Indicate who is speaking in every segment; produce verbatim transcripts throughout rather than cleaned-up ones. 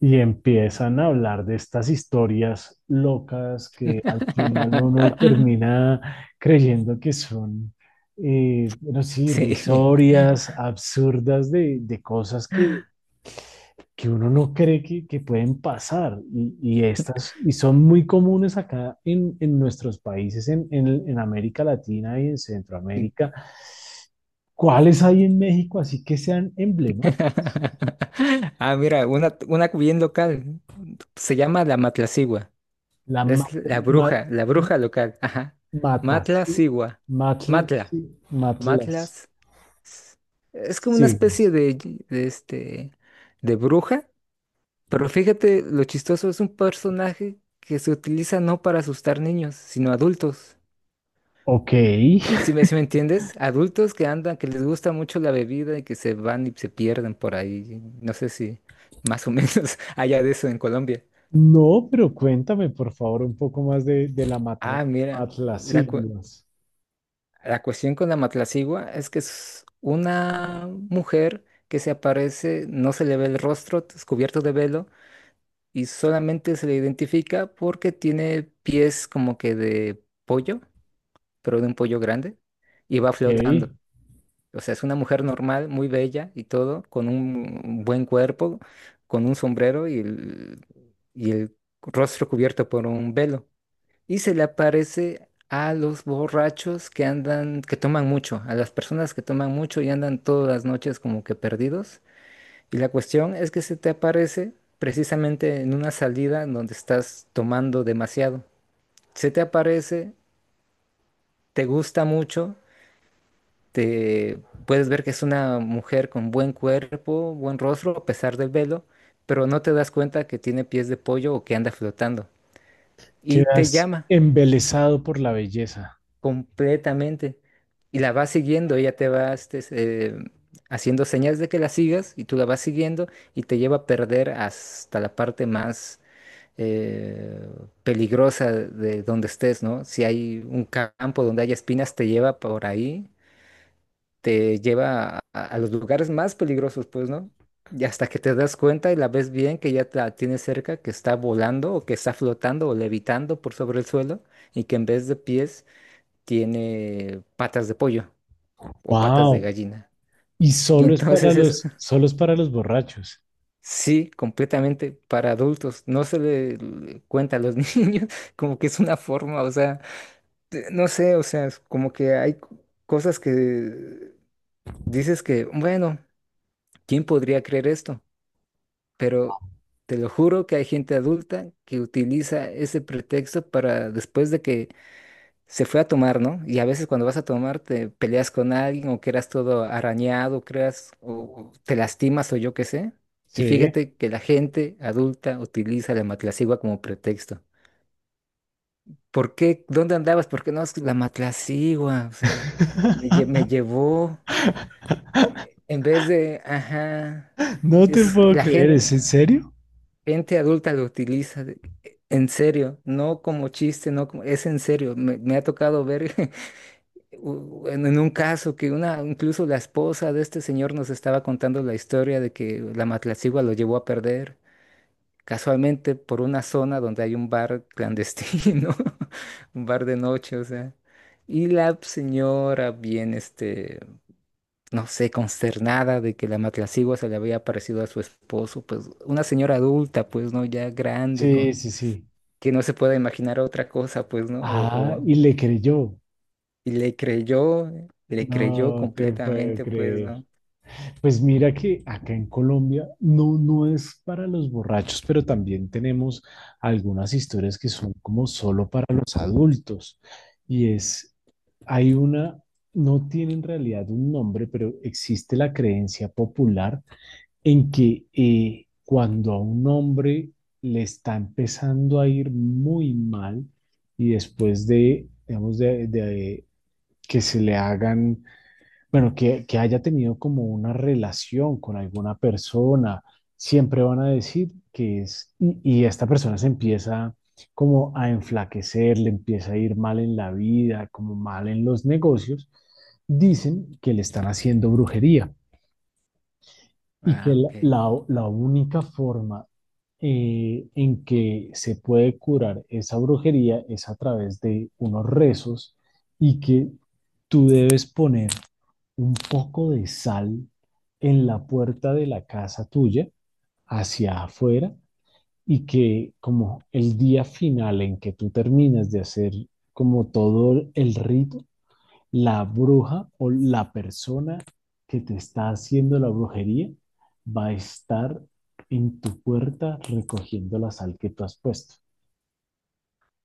Speaker 1: Y empiezan a hablar de estas historias locas que al final uno termina creyendo que son, eh, bueno, sí,
Speaker 2: Sí.
Speaker 1: irrisorias, absurdas de, de cosas que, que uno no cree que, que pueden pasar. Y, y estas, y son muy comunes acá en, en nuestros países, en, en, en América Latina y en Centroamérica. ¿Cuáles hay en México así que sean emblemáticas?
Speaker 2: Ah, mira, una, una bien local. Se llama la Matlacigua.
Speaker 1: La ma-
Speaker 2: Es la
Speaker 1: ma-
Speaker 2: bruja, la bruja local. Ajá.
Speaker 1: Matasí,
Speaker 2: Matlacigua. Matla.
Speaker 1: matlasí, matlas,
Speaker 2: Matlas. Es como una especie
Speaker 1: siglos.
Speaker 2: de, de este, de bruja. Pero fíjate, lo chistoso es un personaje que se utiliza no para asustar niños, sino adultos.
Speaker 1: Ok.
Speaker 2: Si me, si me entiendes, adultos que andan, que les gusta mucho la bebida y que se van y se pierden por ahí. No sé si más o menos haya de eso en Colombia.
Speaker 1: No, pero cuéntame, por favor, un poco más de, de la matla,
Speaker 2: Ah, mira, la, cu-
Speaker 1: matlasiglos.
Speaker 2: la cuestión con la matlacigua es que es una mujer que se aparece, no se le ve el rostro, es cubierto de velo y solamente se le identifica porque tiene pies como que de pollo, pero de un pollo grande y va
Speaker 1: Ok.
Speaker 2: flotando. O sea, es una mujer normal, muy bella y todo, con un buen cuerpo, con un sombrero y el, y el rostro cubierto por un velo. Y se le aparece a los borrachos que andan, que toman mucho, a las personas que toman mucho y andan todas las noches como que perdidos. Y la cuestión es que se te aparece precisamente en una salida donde estás tomando demasiado. Se te aparece, te gusta mucho te puedes ver que es una mujer con buen cuerpo, buen rostro, a pesar del velo, pero no te das cuenta que tiene pies de pollo o que anda flotando. Y te
Speaker 1: Quedas
Speaker 2: llama
Speaker 1: embelesado por la belleza.
Speaker 2: completamente. Y la vas siguiendo, ella te va este, eh, haciendo señas de que la sigas y tú la vas siguiendo y te lleva a perder hasta la parte más eh, peligrosa de donde estés, ¿no? Si hay un campo donde haya espinas, te lleva por ahí te lleva a, a los lugares más peligrosos, pues, ¿no? Y hasta que te das cuenta y la ves bien que ya la tienes cerca, que está volando o que está flotando o levitando por sobre el suelo y que en vez de pies tiene patas de pollo o patas de
Speaker 1: Wow.
Speaker 2: gallina.
Speaker 1: Y
Speaker 2: Y
Speaker 1: solo es para
Speaker 2: entonces es,
Speaker 1: los, solo es para los borrachos.
Speaker 2: sí, completamente para adultos. No se le le cuenta a los niños como que es una forma, o sea, de- no sé, o sea, es como que hay c- cosas que dices que, bueno, ¿quién podría creer esto? Pero te lo juro que hay gente adulta que utiliza ese pretexto para después de que se fue a tomar, ¿no? Y a veces cuando vas a tomar te peleas con alguien o quedas todo arañado, creas o o te lastimas o yo qué sé. Y
Speaker 1: Sí.
Speaker 2: fíjate que la gente adulta utiliza la matlacigua como pretexto. ¿Por qué? ¿Dónde andabas? ¿Por qué no? Es que la matlacigua, o sea, me, lle- me llevó eh, en vez de, ajá,
Speaker 1: No te
Speaker 2: es
Speaker 1: puedo
Speaker 2: la
Speaker 1: creer,
Speaker 2: gente.
Speaker 1: ¿es en serio?
Speaker 2: Gente adulta lo utiliza de- e, en serio, no como chiste, no como, es en serio. Me, me ha tocado ver u- en, en un caso que una, incluso la esposa de este señor nos estaba contando la historia de que la Matlacigua lo llevó a perder casualmente por una zona donde hay un bar clandestino, un bar de noche, o sea. Y la señora bien, este, no sé, consternada de que la matlacigua se le había aparecido a su esposo, pues una señora adulta, pues no, ya grande,
Speaker 1: Sí,
Speaker 2: con
Speaker 1: sí, sí.
Speaker 2: que no se pueda imaginar otra cosa, pues, ¿no? O,
Speaker 1: Ah,
Speaker 2: o-
Speaker 1: y le creyó.
Speaker 2: y le creyó, le creyó
Speaker 1: No te puedo
Speaker 2: completamente, pues,
Speaker 1: creer.
Speaker 2: ¿no?
Speaker 1: Pues mira que acá en Colombia no, no es para los borrachos, pero también tenemos algunas historias que son como solo para los adultos. Y es, hay una, no tiene en realidad un nombre, pero existe la creencia popular en que eh, cuando a un hombre le está empezando a ir muy mal y después de, digamos, de de que se le hagan bueno, que, que haya tenido como una relación con alguna persona, siempre van a decir que es, y, y esta persona se empieza como a enflaquecer, le empieza a ir mal en la vida, como mal en los negocios, dicen que le están haciendo brujería y que
Speaker 2: Ah,
Speaker 1: la,
Speaker 2: ok.
Speaker 1: la- la única forma eh, en que se puede curar esa brujería es a través de unos rezos y que tú debes poner un poco de sal en la puerta de la casa tuya hacia afuera y que como el día final en que tú terminas de hacer como todo el rito, la bruja o la persona que te está haciendo la brujería va a estar en tu puerta recogiendo la sal que tú has puesto.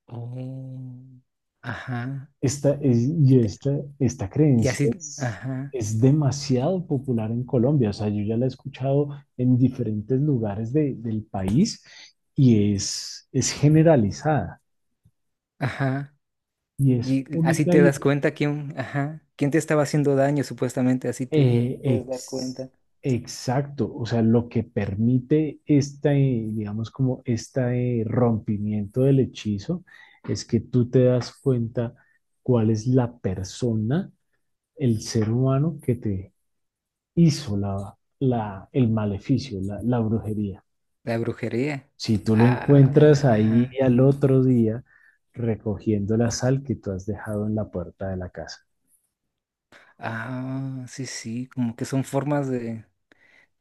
Speaker 2: Oh, ajá.
Speaker 1: Esta, es, y
Speaker 2: Te-
Speaker 1: esta, esta
Speaker 2: y
Speaker 1: creencia
Speaker 2: así,
Speaker 1: es,
Speaker 2: ajá,
Speaker 1: es demasiado popular en Colombia, o sea, yo ya la he escuchado en diferentes lugares de- del país y es, es generalizada
Speaker 2: ajá.
Speaker 1: y es
Speaker 2: Y así
Speaker 1: única
Speaker 2: te
Speaker 1: y
Speaker 2: das cuenta quién, ajá, quién te estaba haciendo daño, supuestamente, así te
Speaker 1: eh,
Speaker 2: puedes dar
Speaker 1: ex-
Speaker 2: cuenta.
Speaker 1: exacto, o sea, lo que permite este, digamos, como este rompimiento del hechizo es que tú te das cuenta cuál es la persona, el ser humano que te hizo la, la, el maleficio, la, la brujería.
Speaker 2: La brujería.
Speaker 1: Si tú lo
Speaker 2: Ah,
Speaker 1: encuentras
Speaker 2: caray,
Speaker 1: ahí
Speaker 2: ajá.
Speaker 1: al otro día recogiendo la sal que tú has dejado en la puerta de la casa.
Speaker 2: Ah, sí, sí, como que son formas de,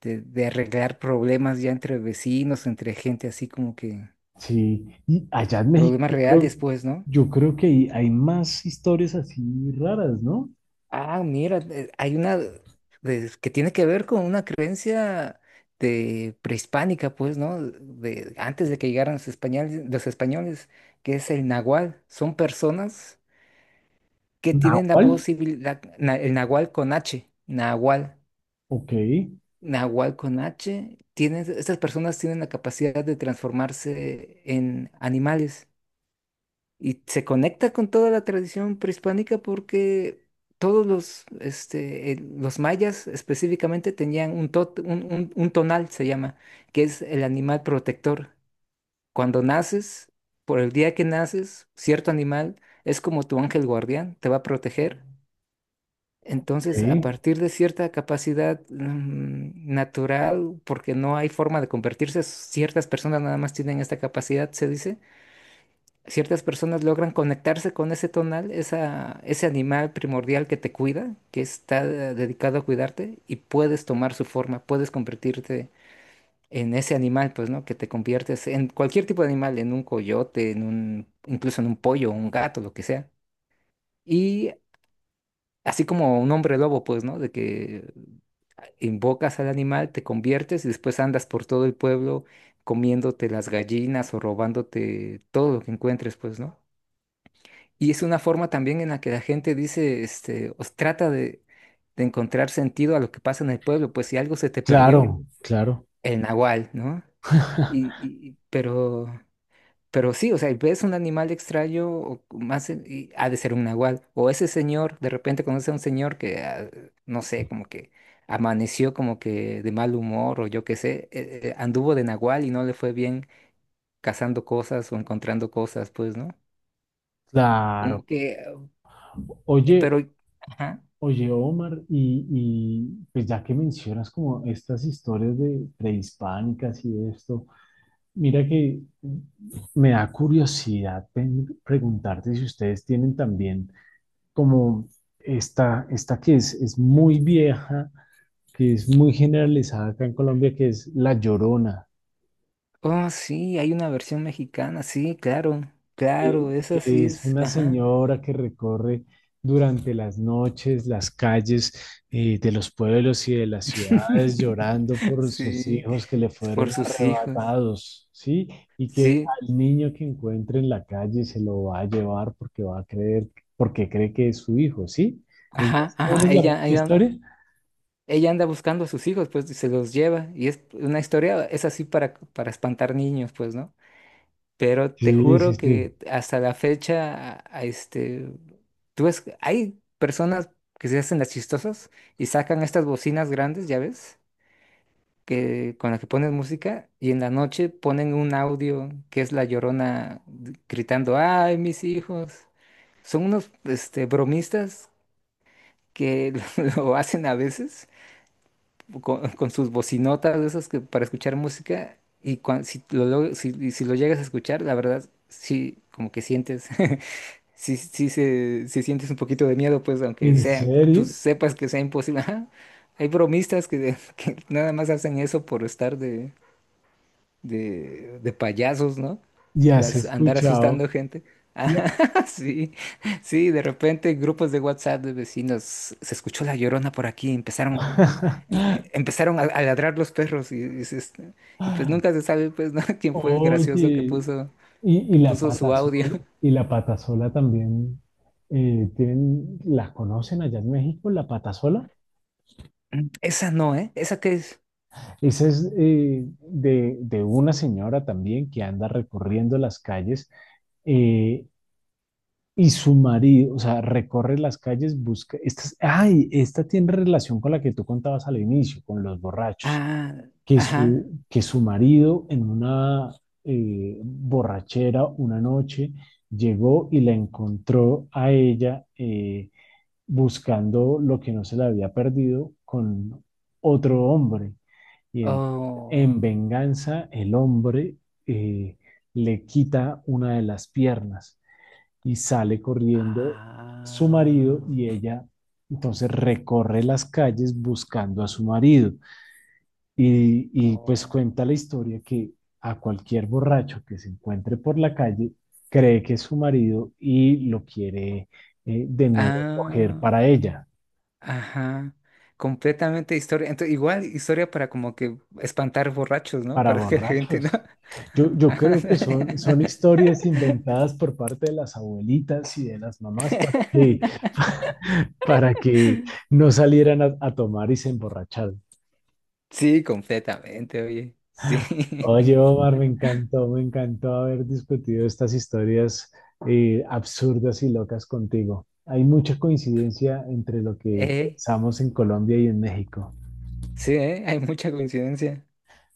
Speaker 2: de, de arreglar problemas ya entre vecinos, entre gente así como que
Speaker 1: Sí, y allá en México
Speaker 2: problema
Speaker 1: yo
Speaker 2: real y
Speaker 1: creo,
Speaker 2: después, ¿no?
Speaker 1: yo creo que hay, hay más historias así raras, ¿no?
Speaker 2: Ah, mira, eh, hay una de- que tiene que ver con una creencia de prehispánica, pues, ¿no? De antes de que llegaran los españoles, los españoles, que es el nahual. Son personas que tienen la
Speaker 1: Nahual,
Speaker 2: posibilidad, na- el nahual con H, nahual,
Speaker 1: ok,
Speaker 2: nahual con H, tienen, estas personas tienen la capacidad de transformarse en animales. Y se conecta con toda la tradición prehispánica porque todos los, este, eh, los mayas específicamente tenían un, tot- un, un- un tonal, se llama, que es el animal protector. Cuando naces, por el día que naces, cierto animal es como tu ángel guardián, te va a proteger. Entonces, a
Speaker 1: ok,
Speaker 2: partir de cierta capacidad, mm, natural, porque no hay forma de convertirse, ciertas personas nada más tienen esta capacidad, se dice ciertas personas logran conectarse con ese tonal, esa, ese animal primordial que te cuida, que está eh, dedicado a cuidarte, y puedes tomar su forma, puedes convertirte en ese animal, pues, ¿no? Que te conviertes en cualquier tipo de animal, en un coyote, en un, incluso en un pollo, un gato, lo que sea. Y así como un hombre lobo, pues, ¿no? De que invocas al animal, te conviertes y después andas por todo el pueblo comiéndote las gallinas o robándote todo lo que encuentres, pues, ¿no? Y es una forma también en la que la gente dice, este, os trata de, de encontrar sentido a lo que pasa en el pueblo, pues si algo se te perdió,
Speaker 1: claro, claro,
Speaker 2: el nahual, ¿no? Y, y- y- pero, pero sí, o sea, ves un animal extraño, o más, en- y ha de ser un nahual. O ese señor, de repente conoce a un señor que, ah, no sé, como que amaneció como que de mal humor, o yo qué sé, eh, eh, anduvo de nahual y no le fue bien cazando cosas o encontrando cosas, pues, ¿no?
Speaker 1: claro.
Speaker 2: Como que, eh,
Speaker 1: Oye,
Speaker 2: pero... ajá.
Speaker 1: Oye, Omar, y, y pues ya que mencionas como estas historias de prehispánicas y esto, mira que me da curiosidad pen- preguntarte si ustedes tienen también como esta, esta que es, es muy vieja, que es muy generalizada acá en Colombia, que es la Llorona.
Speaker 2: Oh, sí, hay una versión mexicana, sí, claro,
Speaker 1: Que,
Speaker 2: claro, esa
Speaker 1: que
Speaker 2: sí
Speaker 1: es
Speaker 2: es,
Speaker 1: una
Speaker 2: ajá.
Speaker 1: señora que recorre durante las noches las calles eh, de los pueblos y de las ciudades llorando por sus
Speaker 2: Sí,
Speaker 1: hijos que le
Speaker 2: por
Speaker 1: fueron
Speaker 2: sus hijos.
Speaker 1: arrebatados, ¿sí? Y que
Speaker 2: Sí,
Speaker 1: al niño que encuentre en la calle se lo va a llevar porque va a creer, porque cree que es su hijo, ¿sí? ¿Es
Speaker 2: ajá,
Speaker 1: más o
Speaker 2: ajá,
Speaker 1: menos la misma
Speaker 2: ella, ella,
Speaker 1: historia?
Speaker 2: ella anda buscando a sus hijos, pues, y se los lleva, y es una historia, es así para, para espantar niños, pues, ¿no? Pero te
Speaker 1: Sí, sí,
Speaker 2: juro
Speaker 1: sí.
Speaker 2: que hasta la fecha, a- a este, tú ves, hay personas que se hacen las chistosas y sacan estas bocinas grandes, ¿ya ves? Que, con la que ponen música y en la noche ponen un audio que es La Llorona d- gritando, ¡ay, mis hijos! Son unos este, bromistas que lo hacen a veces con, con sus bocinotas de esas que, para escuchar música y cuan- si, lo, log- si, y si lo llegas a escuchar, la verdad, sí, como que sientes... Sí, sí, se, sí sientes un poquito de miedo, pues, aunque
Speaker 1: ¿En
Speaker 2: sea, tú
Speaker 1: serio?
Speaker 2: sepas que sea imposible. Ajá. Hay bromistas que, que nada más hacen eso por estar de, de, de payasos, ¿no?
Speaker 1: ¿Ya
Speaker 2: De
Speaker 1: has
Speaker 2: as- andar
Speaker 1: escuchado?
Speaker 2: asustando gente.
Speaker 1: Ya-
Speaker 2: Ah, sí, sí, de repente grupos de WhatsApp de vecinos, se escuchó la llorona por aquí, empezaron, eh, em- empezaron a, a ladrar los perros y, y se est- y pues nunca se sabe pues, ¿no? quién fue el gracioso que
Speaker 1: oye,
Speaker 2: puso,
Speaker 1: Y, y
Speaker 2: que
Speaker 1: la
Speaker 2: puso su
Speaker 1: pata
Speaker 2: audio.
Speaker 1: sola, y la pata sola también eh, tienen, las conocen allá en México, la pata sola.
Speaker 2: Mm, esa no, ¿eh? ¿Esa qué es?
Speaker 1: Esa es eh, de, de una señora también que anda recorriendo las calles eh, y su marido, o sea, recorre las calles, busca. Esta, es- ay, esta tiene relación con la que tú contabas al inicio, con los borrachos.
Speaker 2: Ah,
Speaker 1: Que
Speaker 2: ajá.
Speaker 1: su, que su marido en una eh, borrachera una noche llegó y la encontró a ella eh, buscando lo que no se le había perdido con otro hombre. Y en,
Speaker 2: Oh.
Speaker 1: en venganza el hombre eh, le quita una de las piernas y sale corriendo su
Speaker 2: Ah.
Speaker 1: marido y ella entonces recorre las calles buscando a su marido y, y pues
Speaker 2: Oh.
Speaker 1: cuenta la historia que a cualquier borracho que se encuentre por la calle cree que es su marido y lo quiere eh, de nuevo coger
Speaker 2: Ah.
Speaker 1: para ella,
Speaker 2: Ajá, completamente historia. Entonces, igual historia para como que espantar borrachos, ¿no?
Speaker 1: para
Speaker 2: Para que la gente no.
Speaker 1: borrachos. Yo, yo
Speaker 2: Ajá.
Speaker 1: creo que son, son historias inventadas por parte de las abuelitas y de las mamás para que, para que no salieran a, a tomar y se emborracharan.
Speaker 2: Sí, completamente, oye. Sí.
Speaker 1: Oye, Omar, me encantó, me encantó haber discutido estas historias eh, absurdas y locas contigo. Hay mucha coincidencia entre lo que
Speaker 2: Eh,
Speaker 1: pensamos en Colombia y en México.
Speaker 2: sí, eh, hay mucha coincidencia.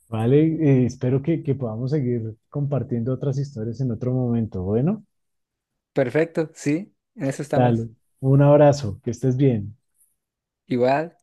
Speaker 1: Vale, Eh, espero que, que podamos seguir compartiendo otras historias en otro momento. Bueno,
Speaker 2: Perfecto, sí, en eso estamos.
Speaker 1: dale, un abrazo, que estés bien.
Speaker 2: Igual.